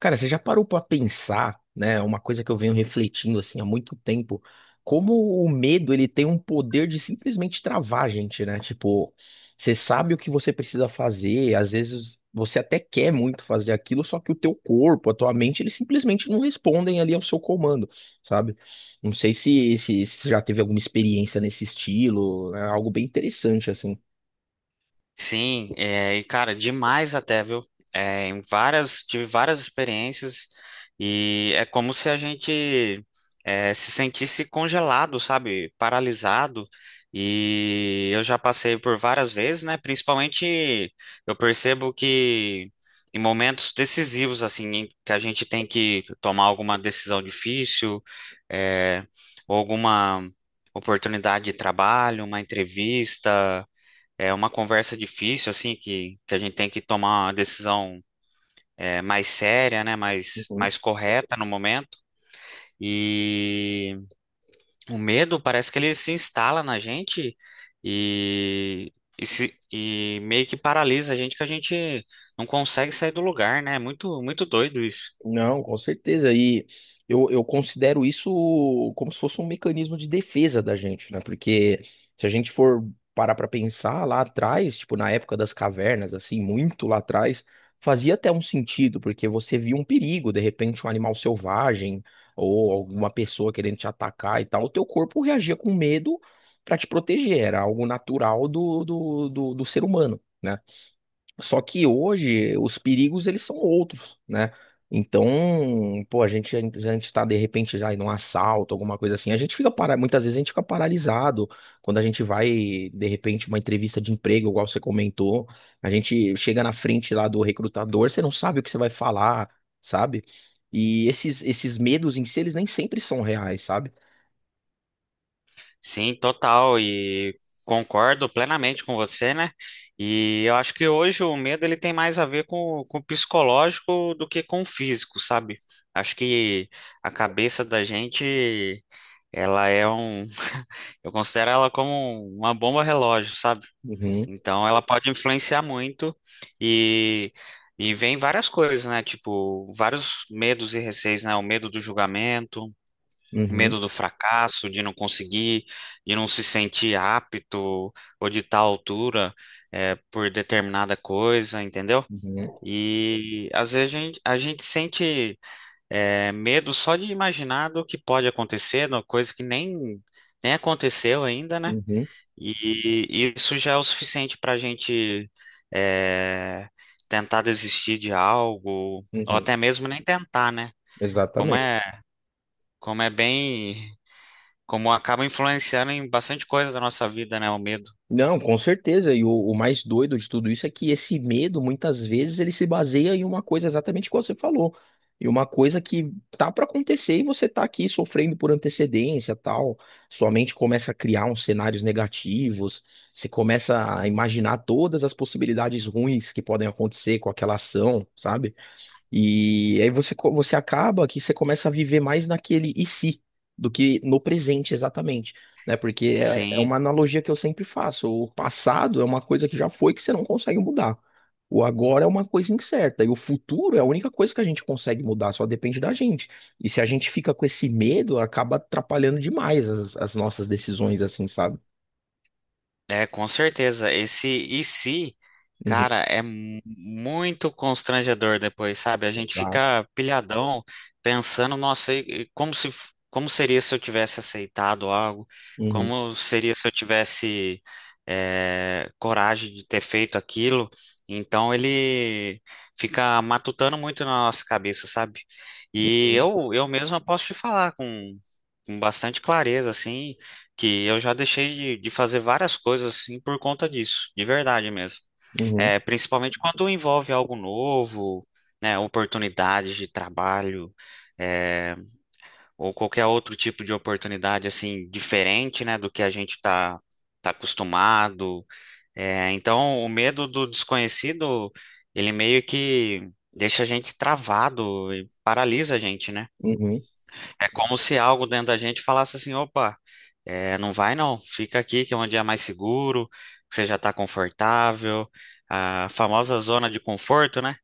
Cara, você já parou pra pensar, né? Uma coisa que eu venho refletindo assim há muito tempo, como o medo ele tem um poder de simplesmente travar a gente, né? Tipo, você sabe o que você precisa fazer, às vezes você até quer muito fazer aquilo, só que o teu corpo, a tua mente, eles simplesmente não respondem ali ao seu comando, sabe? Não sei se já teve alguma experiência nesse estilo, é algo bem interessante assim. Sim, e cara, demais até, viu? Em várias, tive várias experiências e é como se a gente se sentisse congelado, sabe? Paralisado. E eu já passei por várias vezes, né? Principalmente eu percebo que em momentos decisivos, assim, em que a gente tem que tomar alguma decisão difícil, é, ou alguma oportunidade de trabalho, uma entrevista. É uma conversa difícil, assim, que a gente tem que tomar uma decisão mais séria, né? Mais correta no momento. E o medo parece que ele se instala na gente e, e, se- e meio que paralisa a gente, que a gente não consegue sair do lugar, né? É muito, muito doido isso. Não, com certeza. E eu considero isso como se fosse um mecanismo de defesa da gente, né? Porque se a gente for parar pra pensar lá atrás, tipo na época das cavernas, assim, muito lá atrás, fazia até um sentido, porque você via um perigo, de repente um animal selvagem ou alguma pessoa querendo te atacar e tal, o teu corpo reagia com medo pra te proteger, era algo natural do ser humano, né? Só que hoje os perigos eles são outros, né? Então, pô, a gente tá de repente já em um assalto, alguma coisa assim. A gente fica para, muitas vezes a gente fica paralisado quando a gente vai, de repente, uma entrevista de emprego, igual você comentou. A gente chega na frente lá do recrutador, você não sabe o que você vai falar, sabe? E esses medos em si, eles nem sempre são reais, sabe? Sim, total, e concordo plenamente com você, né? E eu acho que hoje o medo ele tem mais a ver com o psicológico do que com o físico, sabe? Acho que a cabeça da gente, ela é um, eu considero ela como uma bomba relógio, sabe? Uhum, Então ela pode influenciar muito e vem várias coisas, né? Tipo, vários medos e receios, né? O medo do julgamento, uhum, medo do fracasso, de não conseguir, de não se sentir apto ou de tal altura por determinada coisa, entendeu? uhum, E às vezes a gente sente medo só de imaginar do que pode acontecer, uma coisa que nem, nem aconteceu ainda, né? uhum, E isso já é o suficiente para a gente é, tentar desistir de algo, ou uhum. até mesmo nem tentar, né? Como Exatamente. é, como é bem. Como acaba influenciando em bastante coisa da nossa vida, né? O medo. Não, com certeza. E o mais doido de tudo isso é que esse medo, muitas vezes, ele se baseia em uma coisa exatamente como você falou. E uma coisa que tá para acontecer e você tá aqui sofrendo por antecedência, tal. Sua mente começa a criar uns cenários negativos, você começa a imaginar todas as possibilidades ruins que podem acontecer com aquela ação, sabe? E aí você acaba que você começa a viver mais naquele e se do que no presente exatamente, né? Porque é Sim. uma analogia que eu sempre faço. O passado é uma coisa que já foi que você não consegue mudar. O agora é uma coisa incerta e o futuro é a única coisa que a gente consegue mudar, só depende da gente. E se a gente fica com esse medo, acaba atrapalhando demais as nossas decisões, assim, sabe? É, com certeza. Esse e se, Uhum, cara, é muito constrangedor depois, sabe? A gente tá. fica pilhadão pensando, nossa, e como se, como seria se eu tivesse aceitado algo? Uhum, Como seria se eu tivesse, é, coragem de ter feito aquilo? Então ele fica matutando muito na nossa cabeça, sabe? E uhum, eu mesmo posso te falar com bastante clareza, assim que eu já deixei de fazer várias coisas assim por conta disso, de verdade mesmo. uhum, É, principalmente quando envolve algo novo, né, oportunidades de trabalho, é, ou qualquer outro tipo de oportunidade assim diferente, né, do que a gente tá acostumado. É, então, o medo do desconhecido, ele meio que deixa a gente travado e paralisa a gente, né? uhum. É como se algo dentro da gente falasse assim, opa, não vai não, fica aqui que é um dia mais seguro, que você já está confortável, a famosa zona de conforto, né?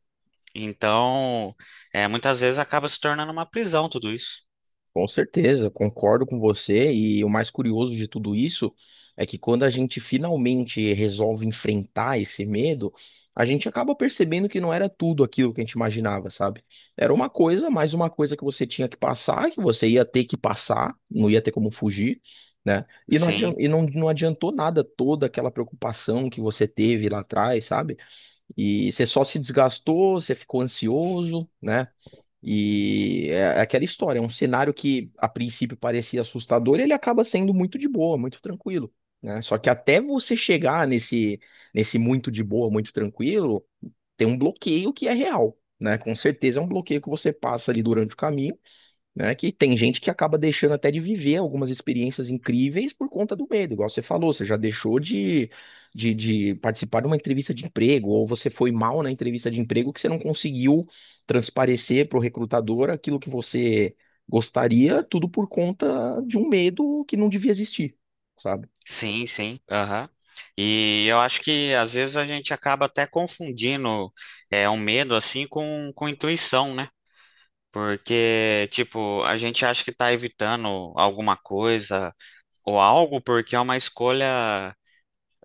Então, muitas vezes acaba se tornando uma prisão tudo isso. Com certeza, concordo com você. E o mais curioso de tudo isso é que quando a gente finalmente resolve enfrentar esse medo, a gente acaba percebendo que não era tudo aquilo que a gente imaginava, sabe? Era uma coisa, mais uma coisa que você tinha que passar, que você ia ter que passar, não ia ter como fugir, né? E Sim, não adiantou nada toda aquela preocupação que você teve lá atrás, sabe? E você só se desgastou, você ficou ansioso, né? E é aquela história, é um cenário que a princípio parecia assustador, ele acaba sendo muito de boa, muito tranquilo, né? Só que até você chegar nesse muito de boa, muito tranquilo, tem um bloqueio que é real, né? Com certeza é um bloqueio que você passa ali durante o caminho, né? Que tem gente que acaba deixando até de viver algumas experiências incríveis por conta do medo, igual você falou, você já deixou de participar de uma entrevista de emprego, ou você foi mal na entrevista de emprego que você não conseguiu transparecer para o recrutador aquilo que você gostaria, tudo por conta de um medo que não devia existir, sabe? sim, sim, aham. E eu acho que às vezes a gente acaba até confundindo um medo assim com intuição, né? Porque, tipo, a gente acha que tá evitando alguma coisa, ou algo porque é uma escolha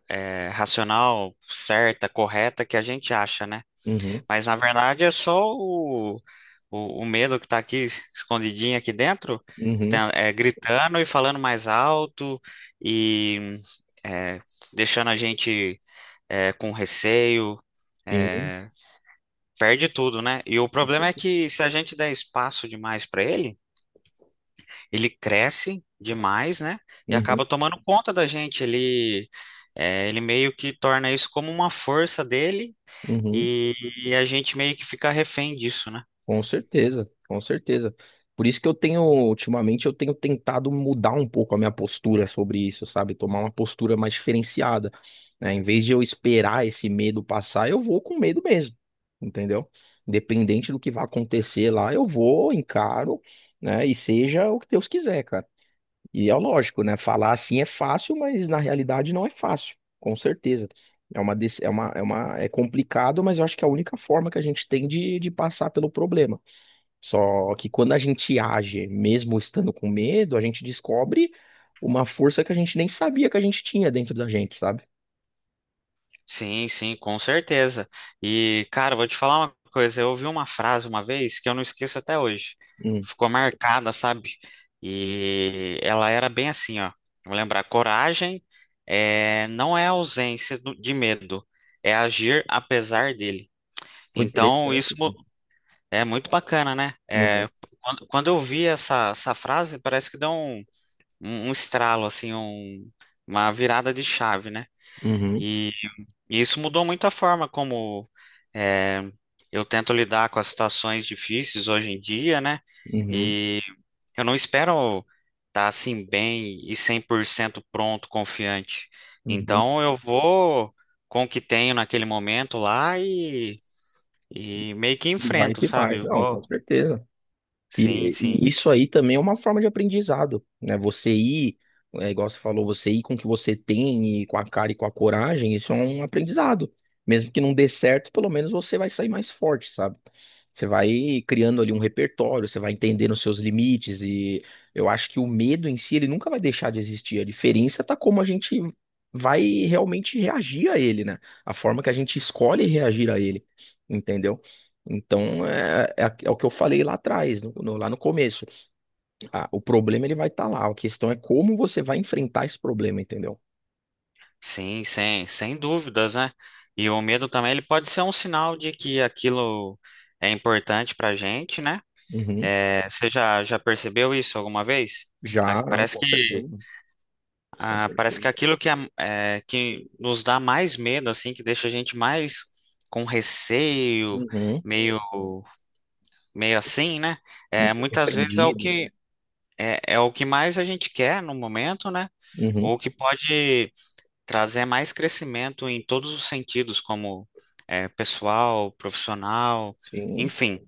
racional, certa, correta que a gente acha, né? Uhum, Mas na verdade é só o medo que está aqui escondidinho aqui dentro, uhum, tá, gritando e falando mais alto e é, deixando a gente com receio. sim, é, Perde tudo, né? E o com problema é certeza. que se a gente der espaço demais para ele ele cresce demais, né? E Uhum, acaba tomando conta da gente. Ele, ele meio que torna isso como uma força dele uhum. e, e a gente meio que fica refém disso, né? Com certeza, com certeza. Por isso que eu tenho, ultimamente, eu tenho tentado mudar um pouco a minha postura sobre isso, sabe? Tomar uma postura mais diferenciada, né? Em vez de eu esperar esse medo passar, eu vou com medo mesmo, entendeu? Independente do que vai acontecer lá, eu vou, encaro, né? E seja o que Deus quiser, cara. E é lógico, né? Falar assim é fácil, mas na realidade não é fácil, com certeza. É uma, dec- é uma, é uma, é complicado, mas eu acho que é a única forma que a gente tem de passar pelo problema. Só que quando a gente age, mesmo estando com medo, a gente descobre uma força que a gente nem sabia que a gente tinha dentro da gente, sabe? Sim, sim, com certeza. E, cara, vou te falar uma coisa. Eu ouvi uma frase uma vez que eu não esqueço até hoje. Hum, Ficou marcada, sabe? E ela era bem assim, ó. Vou lembrar, coragem não é ausência de medo, é agir apesar dele. foi Então, isso, interessante, né? é muito bacana, né? É, Uhum, quando eu vi essa frase, parece que deu um estralo, assim, uma virada de chave, né? uhum, E, e isso mudou muito a forma como é, eu tento lidar com as situações difíceis hoje em dia, né? uhum, E eu não espero estar assim bem e 100% pronto, confiante. uhum. Então eu vou com o que tenho naquele momento lá e meio que E vai enfrento, que vai. sabe? Não, com Vou. certeza. Sim, E, sim. e isso aí também é uma forma de aprendizado, né? Você ir, é, igual você falou, você ir com o que você tem e com a cara e com a coragem, isso é um aprendizado. Mesmo que não dê certo, pelo menos você vai sair mais forte, sabe? Você vai criando ali um repertório, você vai entendendo os seus limites e eu acho que o medo em si, ele nunca vai deixar de existir. A diferença tá como a gente vai realmente reagir a ele, né? A forma que a gente escolhe reagir a ele, entendeu? Então, é o que eu falei lá atrás, lá no começo. Ah, o problema ele vai estar lá. A questão é como você vai enfrentar esse problema, entendeu? Sim, sem, sem dúvidas, né? E o medo também, ele pode ser um sinal de que aquilo é importante pra gente, né? Uhum. É, você já, já percebeu isso alguma vez? Ah, Já, não, parece com que, certeza. Com ah, parece que certeza. aquilo que nos dá mais medo, assim, que deixa a gente mais com receio, Uhum. meio, meio assim, né? É, muitas vezes é o Repreendido. É o que mais a gente quer no momento, né? Uhum. Ou que pode trazer mais crescimento em todos os sentidos, como pessoal, profissional, Sim. enfim.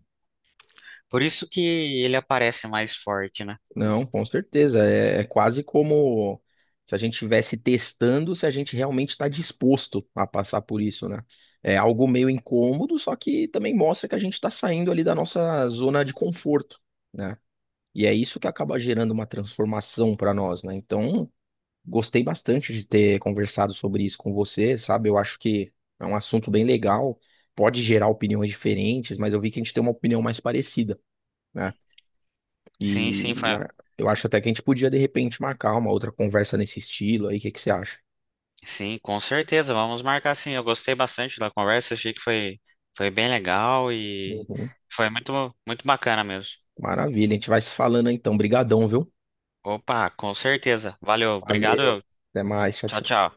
Por isso que ele aparece mais forte, né? Não, com certeza. É quase como se a gente estivesse testando se a gente realmente está disposto a passar por isso, né? É algo meio incômodo, só que também mostra que a gente está saindo ali da nossa zona de conforto, né? E é isso que acaba gerando uma transformação para nós, né? Então, gostei bastante de ter conversado sobre isso com você, sabe? Eu acho que é um assunto bem legal, pode gerar opiniões diferentes, mas eu vi que a gente tem uma opinião mais parecida, né? Sim, sim, E e a- eu acho até que a gente podia, de repente, marcar uma outra conversa nesse estilo aí, o que que você acha? sim, com certeza. Vamos marcar sim. Eu gostei bastante da conversa, foi bem legal e Uhum. foi muito, muito bacana mesmo. Maravilha, a gente vai se falando então. Brigadão, viu? Opa, com certeza. Valeu, obrigado. Valeu. Eu. Até mais, tchau, Tchau, tchau. tchau.